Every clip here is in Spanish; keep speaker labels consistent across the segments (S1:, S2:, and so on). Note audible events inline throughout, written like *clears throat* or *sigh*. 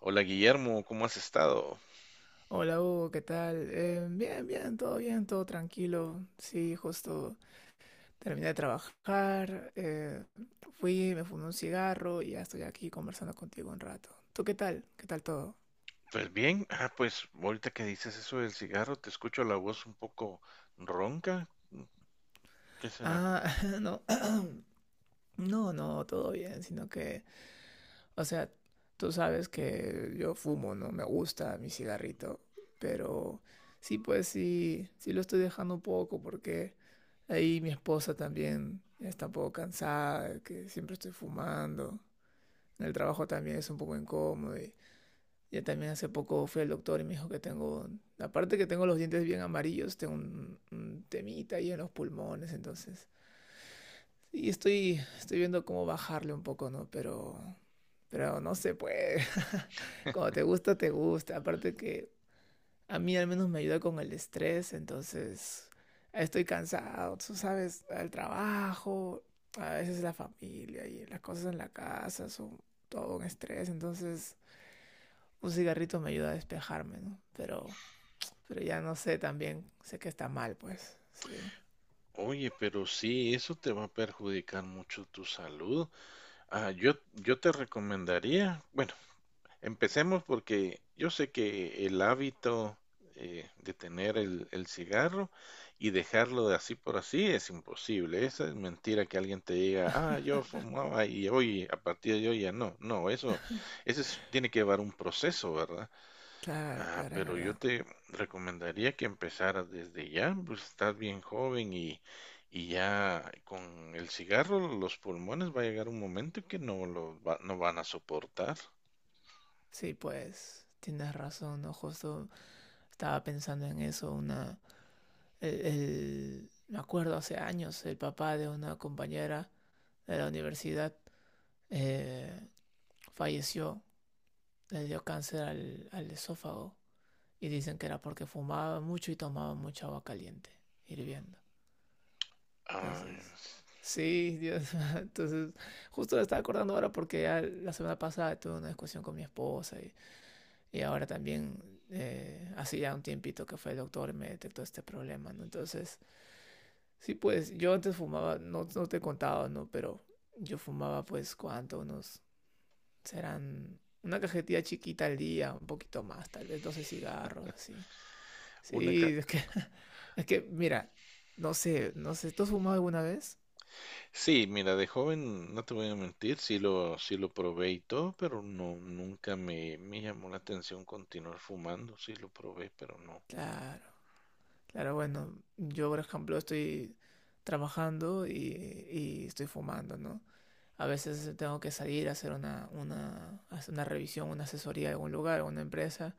S1: Hola Guillermo, ¿cómo has estado?
S2: Hola Hugo, ¿qué tal? Bien, bien, todo tranquilo. Sí, justo terminé de trabajar, fui, me fumé un cigarro y ya estoy aquí conversando contigo un rato. ¿Tú qué tal? ¿Qué tal todo?
S1: Pues bien, pues ahorita que dices eso del cigarro, te escucho la voz un poco ronca. ¿Qué será?
S2: Ah, *laughs* no, *clears throat* no, no, todo bien, sino que, o sea, tú sabes que yo fumo, ¿no? Me gusta mi cigarrito, pero sí, pues sí, sí lo estoy dejando un poco porque ahí mi esposa también está un poco cansada, de que siempre estoy fumando. En el trabajo también es un poco incómodo y ya también hace poco fui al doctor y me dijo que tengo, aparte que tengo los dientes bien amarillos, tengo un temita ahí en los pulmones, entonces sí, estoy viendo cómo bajarle un poco, ¿no? Pero no se puede. *laughs* Cuando te gusta, te gusta. Aparte que a mí al menos me ayuda con el estrés, entonces estoy cansado, tú sabes, el trabajo, a veces la familia y las cosas en la casa son todo un estrés, entonces un cigarrito me ayuda a despejarme, ¿no? Pero ya no sé también, sé que está mal, pues, sí.
S1: Oye, pero sí, eso te va a perjudicar mucho tu salud. Ah, yo te recomendaría, bueno, empecemos porque yo sé que el hábito de tener el cigarro y dejarlo de así por así es imposible. Esa es mentira que alguien te diga, ah, yo
S2: *laughs*
S1: fumaba y hoy, a partir de hoy ya no. No, tiene que llevar un proceso, ¿verdad?
S2: Claro,
S1: Ah,
S2: claro, es
S1: pero yo
S2: verdad.
S1: te recomendaría que empezaras desde ya, pues estás bien joven y ya con el cigarro los pulmones va a llegar un momento que no van a soportar.
S2: Sí, pues, tienes razón, ¿no? Justo estaba pensando en eso, me acuerdo hace años, el papá de una compañera de la universidad, eh, falleció, le dio cáncer al esófago y dicen que era porque fumaba mucho y tomaba mucha agua caliente, hirviendo.
S1: Ah,
S2: Entonces, sí, Dios. *laughs* Entonces, justo me estaba acordando ahora porque ya la semana pasada tuve una discusión con mi esposa, y ahora también, hace ya un tiempito que fue el doctor y me detectó este problema, ¿no? Entonces... Sí, pues yo antes fumaba, no, no te contaba, ¿no? Pero yo fumaba pues cuánto, unos, serán una cajetilla chiquita al día, un poquito más, tal vez 12 cigarros, así.
S1: Una ca-
S2: Sí, es que, *laughs* es que mira, no sé, no sé, ¿tú has fumado alguna vez?
S1: sí, mira, de joven, no te voy a mentir, sí lo probé y todo, pero no, nunca me, me llamó la atención continuar fumando, sí lo probé, pero no.
S2: Claro, claro, bueno, yo por ejemplo estoy trabajando y estoy fumando, ¿no? A veces tengo que salir a hacer hacer una revisión, una asesoría de algún lugar, alguna empresa.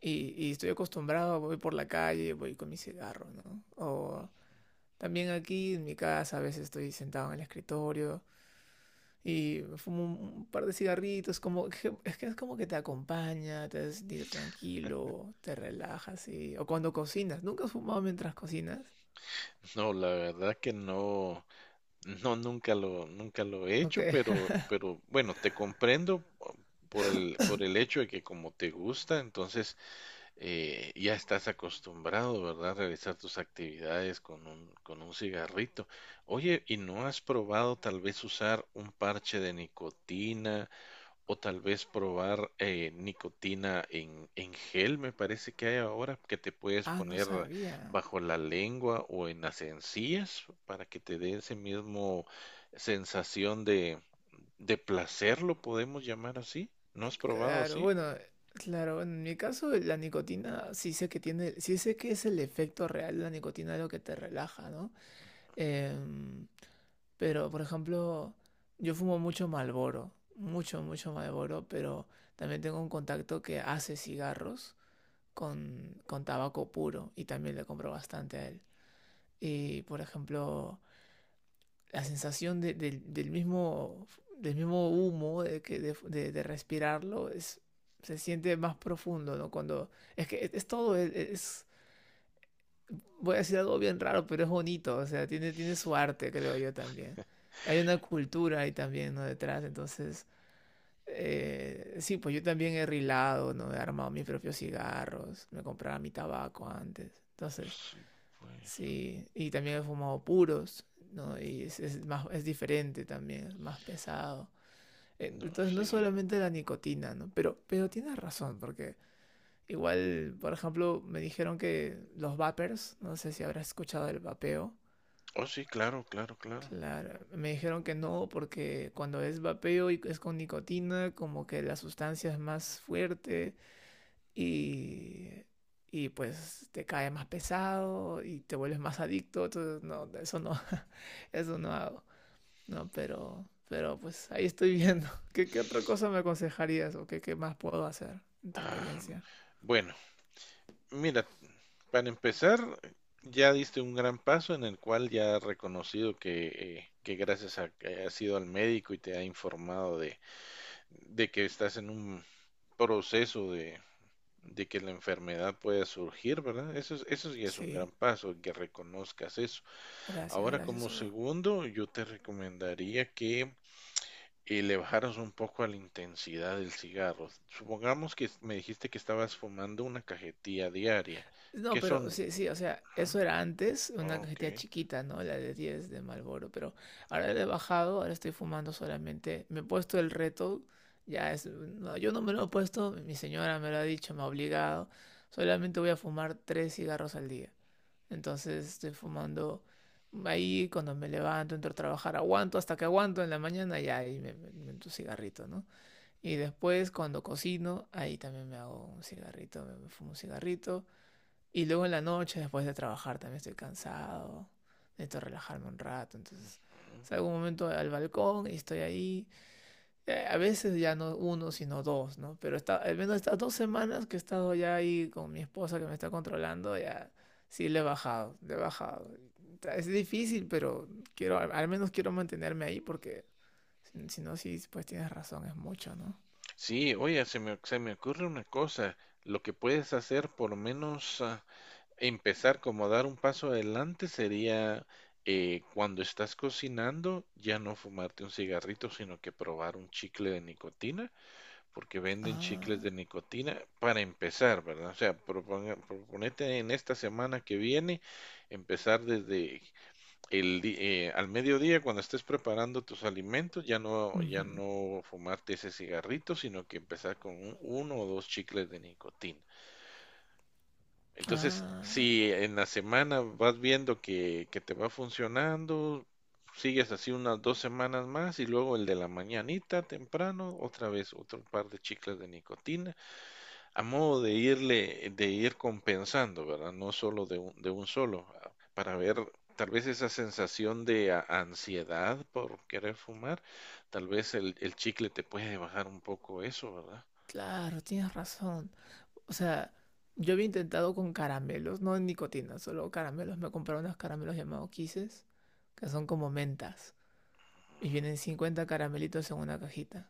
S2: Y estoy acostumbrado, voy por la calle, voy con mi cigarro, ¿no? O también aquí en mi casa a veces estoy sentado en el escritorio y me fumo un par de cigarritos, es que es como que te acompaña, te hace sentir tranquilo, te relajas y... O cuando cocinas, ¿nunca has fumado mientras cocinas?
S1: *laughs* No, la verdad que no, no, nunca lo he
S2: Ok.
S1: hecho,
S2: *laughs*
S1: pero bueno, te comprendo por por el hecho de que como te gusta, entonces ya estás acostumbrado, ¿verdad? A realizar tus actividades con con un cigarrito. Oye, ¿y no has probado tal vez usar un parche de nicotina o tal vez probar nicotina en gel? Me parece que hay ahora que te puedes
S2: Ah, no
S1: poner
S2: sabía.
S1: bajo la lengua o en las encías para que te dé ese mismo sensación de, de placer, lo podemos llamar así. ¿No has probado
S2: Claro,
S1: así?
S2: bueno, claro, bueno, en mi caso la nicotina sí sé que tiene, sí sé que es el efecto real de la nicotina lo que te relaja, ¿no? Em, Pero, por ejemplo, yo fumo mucho Marlboro, mucho, mucho Marlboro, pero también tengo un contacto que hace cigarros con tabaco puro y también le compro bastante a él. Y, por ejemplo, la sensación del mismo, humo, de, que, de respirarlo, es, se siente más profundo, ¿no? Cuando, es que es todo, es, voy a decir algo bien raro, pero es bonito, o sea, tiene su arte, creo yo también. Hay una cultura ahí también, ¿no? Detrás, entonces, sí, pues yo también he rilado, ¿no? He armado mis propios cigarros, me compraba mi tabaco antes, entonces,
S1: Sí, pues.
S2: sí, y también he fumado puros, ¿no? Y es más, es diferente también, es más pesado.
S1: No,
S2: Entonces, no es
S1: sí.
S2: solamente la nicotina, ¿no? Pero tienes razón, porque igual, por ejemplo, me dijeron que los vapers, no sé si habrás escuchado el vapeo.
S1: Oh, sí, claro, claro, claro.
S2: Claro, me dijeron que no, porque cuando es vapeo y es con nicotina, como que la sustancia es más fuerte y, y pues te cae más pesado y te vuelves más adicto, entonces no, eso no, *laughs* eso no hago, no, pero, pues ahí estoy viendo. *laughs* ¿¿Qué otra cosa me aconsejarías o qué más puedo hacer en tu
S1: Ah,
S2: experiencia?
S1: bueno, mira, para empezar, ya diste un gran paso en el cual ya has reconocido que gracias a que has ido al médico y te ha informado de que estás en un proceso de que la enfermedad pueda surgir, ¿verdad? Eso ya es un
S2: Sí,
S1: gran paso, que reconozcas eso.
S2: gracias,
S1: Ahora,
S2: gracias,
S1: como
S2: Hugo.
S1: segundo, yo te recomendaría que y le bajaras un poco a la intensidad del cigarro. Supongamos que me dijiste que estabas fumando una cajetilla diaria.
S2: No,
S1: ¿Qué
S2: pero
S1: son?
S2: sí, sí, o sea, eso
S1: Ajá,
S2: era antes una
S1: ok.
S2: cajetilla chiquita, ¿no? La de 10 de Marlboro, pero ahora le he bajado, ahora estoy fumando solamente. Me he puesto el reto, ya es. No, yo no me lo he puesto, mi señora me lo ha dicho, me ha obligado. Solamente voy a fumar tres cigarros al día. Entonces estoy fumando ahí cuando me levanto, entro a trabajar, aguanto hasta que aguanto en la mañana, ya ahí me meto un cigarrito, ¿no? Y después cuando cocino, ahí también me hago un cigarrito, me fumo un cigarrito. Y luego en la noche, después de trabajar, también estoy cansado. Necesito relajarme un rato. Entonces
S1: Ujú.
S2: salgo un momento al balcón y estoy ahí. A veces ya no uno, sino dos, ¿no? Pero está, al menos estas 2 semanas que he estado ya ahí con mi esposa que me está controlando, ya sí le he bajado, le he bajado. Es difícil, pero quiero, al menos quiero mantenerme ahí porque si no, sí, pues tienes razón, es mucho, ¿no?
S1: Sí, se me ocurre una cosa. Lo que puedes hacer, por menos empezar como dar un paso adelante, sería cuando estás cocinando, ya no fumarte un cigarrito, sino que probar un chicle de nicotina porque venden chicles
S2: Ah,
S1: de nicotina para empezar, ¿verdad? O sea, proponete en esta semana que viene empezar desde al mediodía cuando estés preparando tus alimentos, ya
S2: ujú.
S1: no fumarte ese cigarrito, sino que empezar con uno o dos chicles de nicotina. Entonces,
S2: Ah,
S1: si en la semana vas viendo que te va funcionando, sigues así unas dos semanas más y luego el de la mañanita temprano, otra vez otro par de chicles de nicotina a modo de irle, de ir compensando, ¿verdad? No solo de de un solo, ah, para ver tal vez esa sensación de ansiedad por querer fumar, tal vez el chicle te puede bajar un poco eso, ¿verdad?
S2: claro, tienes razón. O sea, yo había intentado con caramelos, no en nicotina, solo caramelos. Me compraron unos caramelos llamados Kisses, que son como mentas. Y vienen 50 caramelitos en una cajita.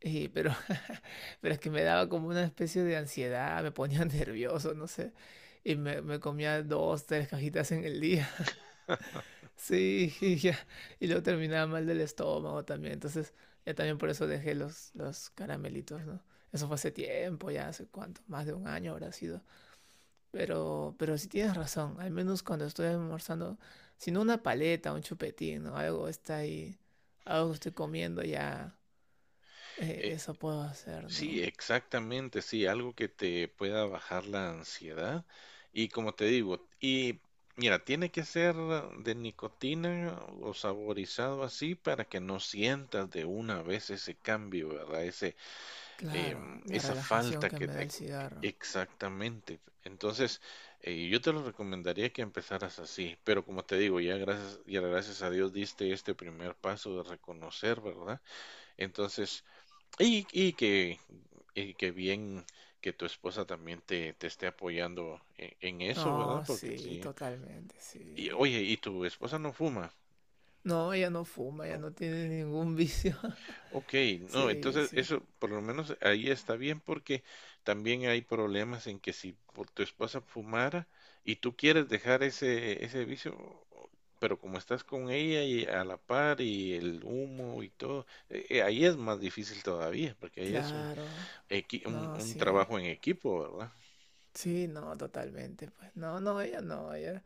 S2: Y, pero, *laughs* pero es que me daba como una especie de ansiedad, me ponía *laughs* nervioso, no sé. Y me comía dos, tres cajitas en el día. *laughs* Sí, y ya. Y luego terminaba mal del estómago también. Entonces, ya también por eso dejé los caramelitos, ¿no? Eso fue hace tiempo, ya hace cuánto, más de un año habrá sido. Pero sí tienes razón, al menos cuando estoy almorzando, si no una paleta, un chupetín, ¿no? Algo está ahí, algo que estoy comiendo ya,
S1: Eh,
S2: eso puedo hacer,
S1: sí,
S2: ¿no?
S1: exactamente, sí, algo que te pueda bajar la ansiedad. Y como te digo, mira, tiene que ser de nicotina o saborizado así para que no sientas de una vez ese cambio, ¿verdad? Ese,
S2: Claro,
S1: em,
S2: la
S1: esa
S2: relajación
S1: falta
S2: que
S1: que
S2: me da
S1: te-
S2: el cigarro.
S1: exactamente. Entonces, yo te lo recomendaría que empezaras así, pero como te digo, ya gracias a Dios diste este primer paso de reconocer, ¿verdad? Entonces, y, y que, y que bien que tu esposa también te esté apoyando en eso, ¿verdad?
S2: No,
S1: Porque
S2: sí,
S1: sí.
S2: totalmente, sí.
S1: Y, oye, ¿y tu esposa no fuma?
S2: No, ella no fuma, ella
S1: No.
S2: no tiene ningún vicio.
S1: Ok,
S2: *laughs*
S1: no,
S2: Sí,
S1: entonces
S2: sí.
S1: eso por lo menos ahí está bien porque también hay problemas en que si por tu esposa fumara y tú quieres dejar ese vicio, pero como estás con ella y a la par y el humo y todo, ahí es más difícil todavía porque ahí es
S2: Claro, no,
S1: un
S2: sí.
S1: trabajo en equipo, ¿verdad?
S2: Sí, no, totalmente, pues. No, no, ella no, ella,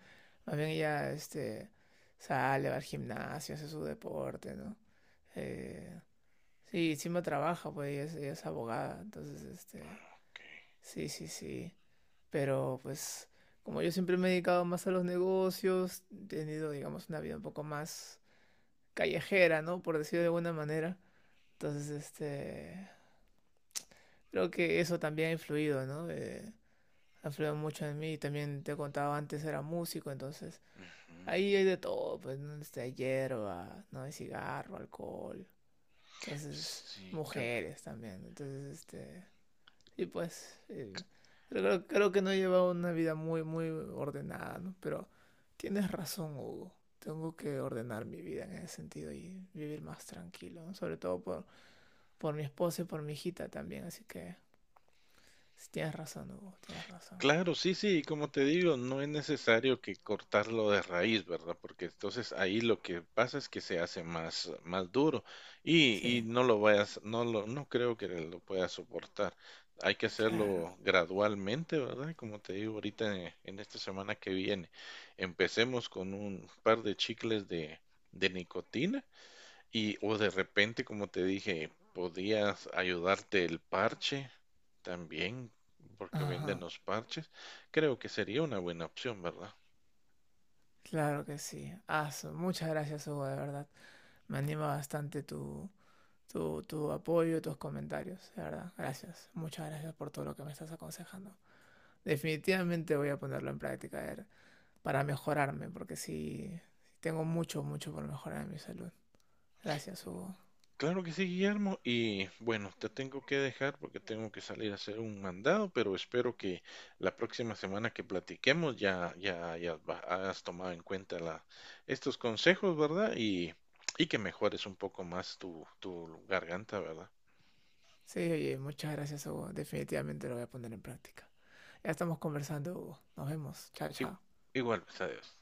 S2: más bien ella, este, sale, va al gimnasio, hace su deporte, ¿no? Eh, sí, encima trabaja, pues ella es abogada, entonces, este,
S1: Ok,
S2: sí, sí, sí. Pero, pues, como yo siempre me he dedicado más a los negocios, he tenido, digamos, una vida un poco más callejera, ¿no? Por decirlo de alguna manera. Entonces, este, creo que eso también ha influido, ¿no? Ha influido mucho en mí. También te contaba antes era músico, entonces
S1: mm,
S2: ahí hay de todo, pues, ¿no? Desde hierba, ¿no? Hay cigarro, alcohol, entonces
S1: sí, claro.
S2: mujeres también, entonces este... Y pues, creo que no he llevado una vida muy, muy ordenada, ¿no? Pero tienes razón, Hugo. Tengo que ordenar mi vida en ese sentido y vivir más tranquilo, ¿no? Sobre todo por mi esposa y por mi hijita también, así que sí, tienes razón, Hugo, tienes razón.
S1: Claro, sí, sí, y como te digo, no es necesario que cortarlo de raíz, ¿verdad? Porque entonces ahí lo que pasa es que se hace más, más duro y
S2: Sí,
S1: no lo vayas, no lo, no creo que lo puedas soportar. Hay que
S2: claro.
S1: hacerlo gradualmente, ¿verdad? Como te digo ahorita en esta semana que viene, empecemos con un par de chicles de nicotina y o de repente, como te dije, podías ayudarte el parche también, porque venden
S2: Ajá.
S1: los parches. Creo que sería una buena opción, ¿verdad?
S2: Claro que sí. Aso, muchas gracias, Hugo, de verdad. Me anima bastante tu apoyo, tus comentarios, de verdad. Gracias. Muchas gracias por todo lo que me estás aconsejando. Definitivamente voy a ponerlo en práctica a ver, para mejorarme, porque sí, sí tengo mucho, mucho por mejorar en mi salud. Gracias, Hugo.
S1: Claro que sí, Guillermo. Y bueno, te tengo que dejar porque tengo que salir a hacer un mandado, pero espero que la próxima semana que platiquemos hayas tomado en cuenta estos consejos, ¿verdad? Y que mejores un poco más tu garganta, ¿verdad?
S2: Sí, oye, muchas gracias, Hugo. Definitivamente lo voy a poner en práctica. Ya estamos conversando, Hugo. Nos vemos. Chao,
S1: Igu-
S2: chao.
S1: Igual, pues, adiós.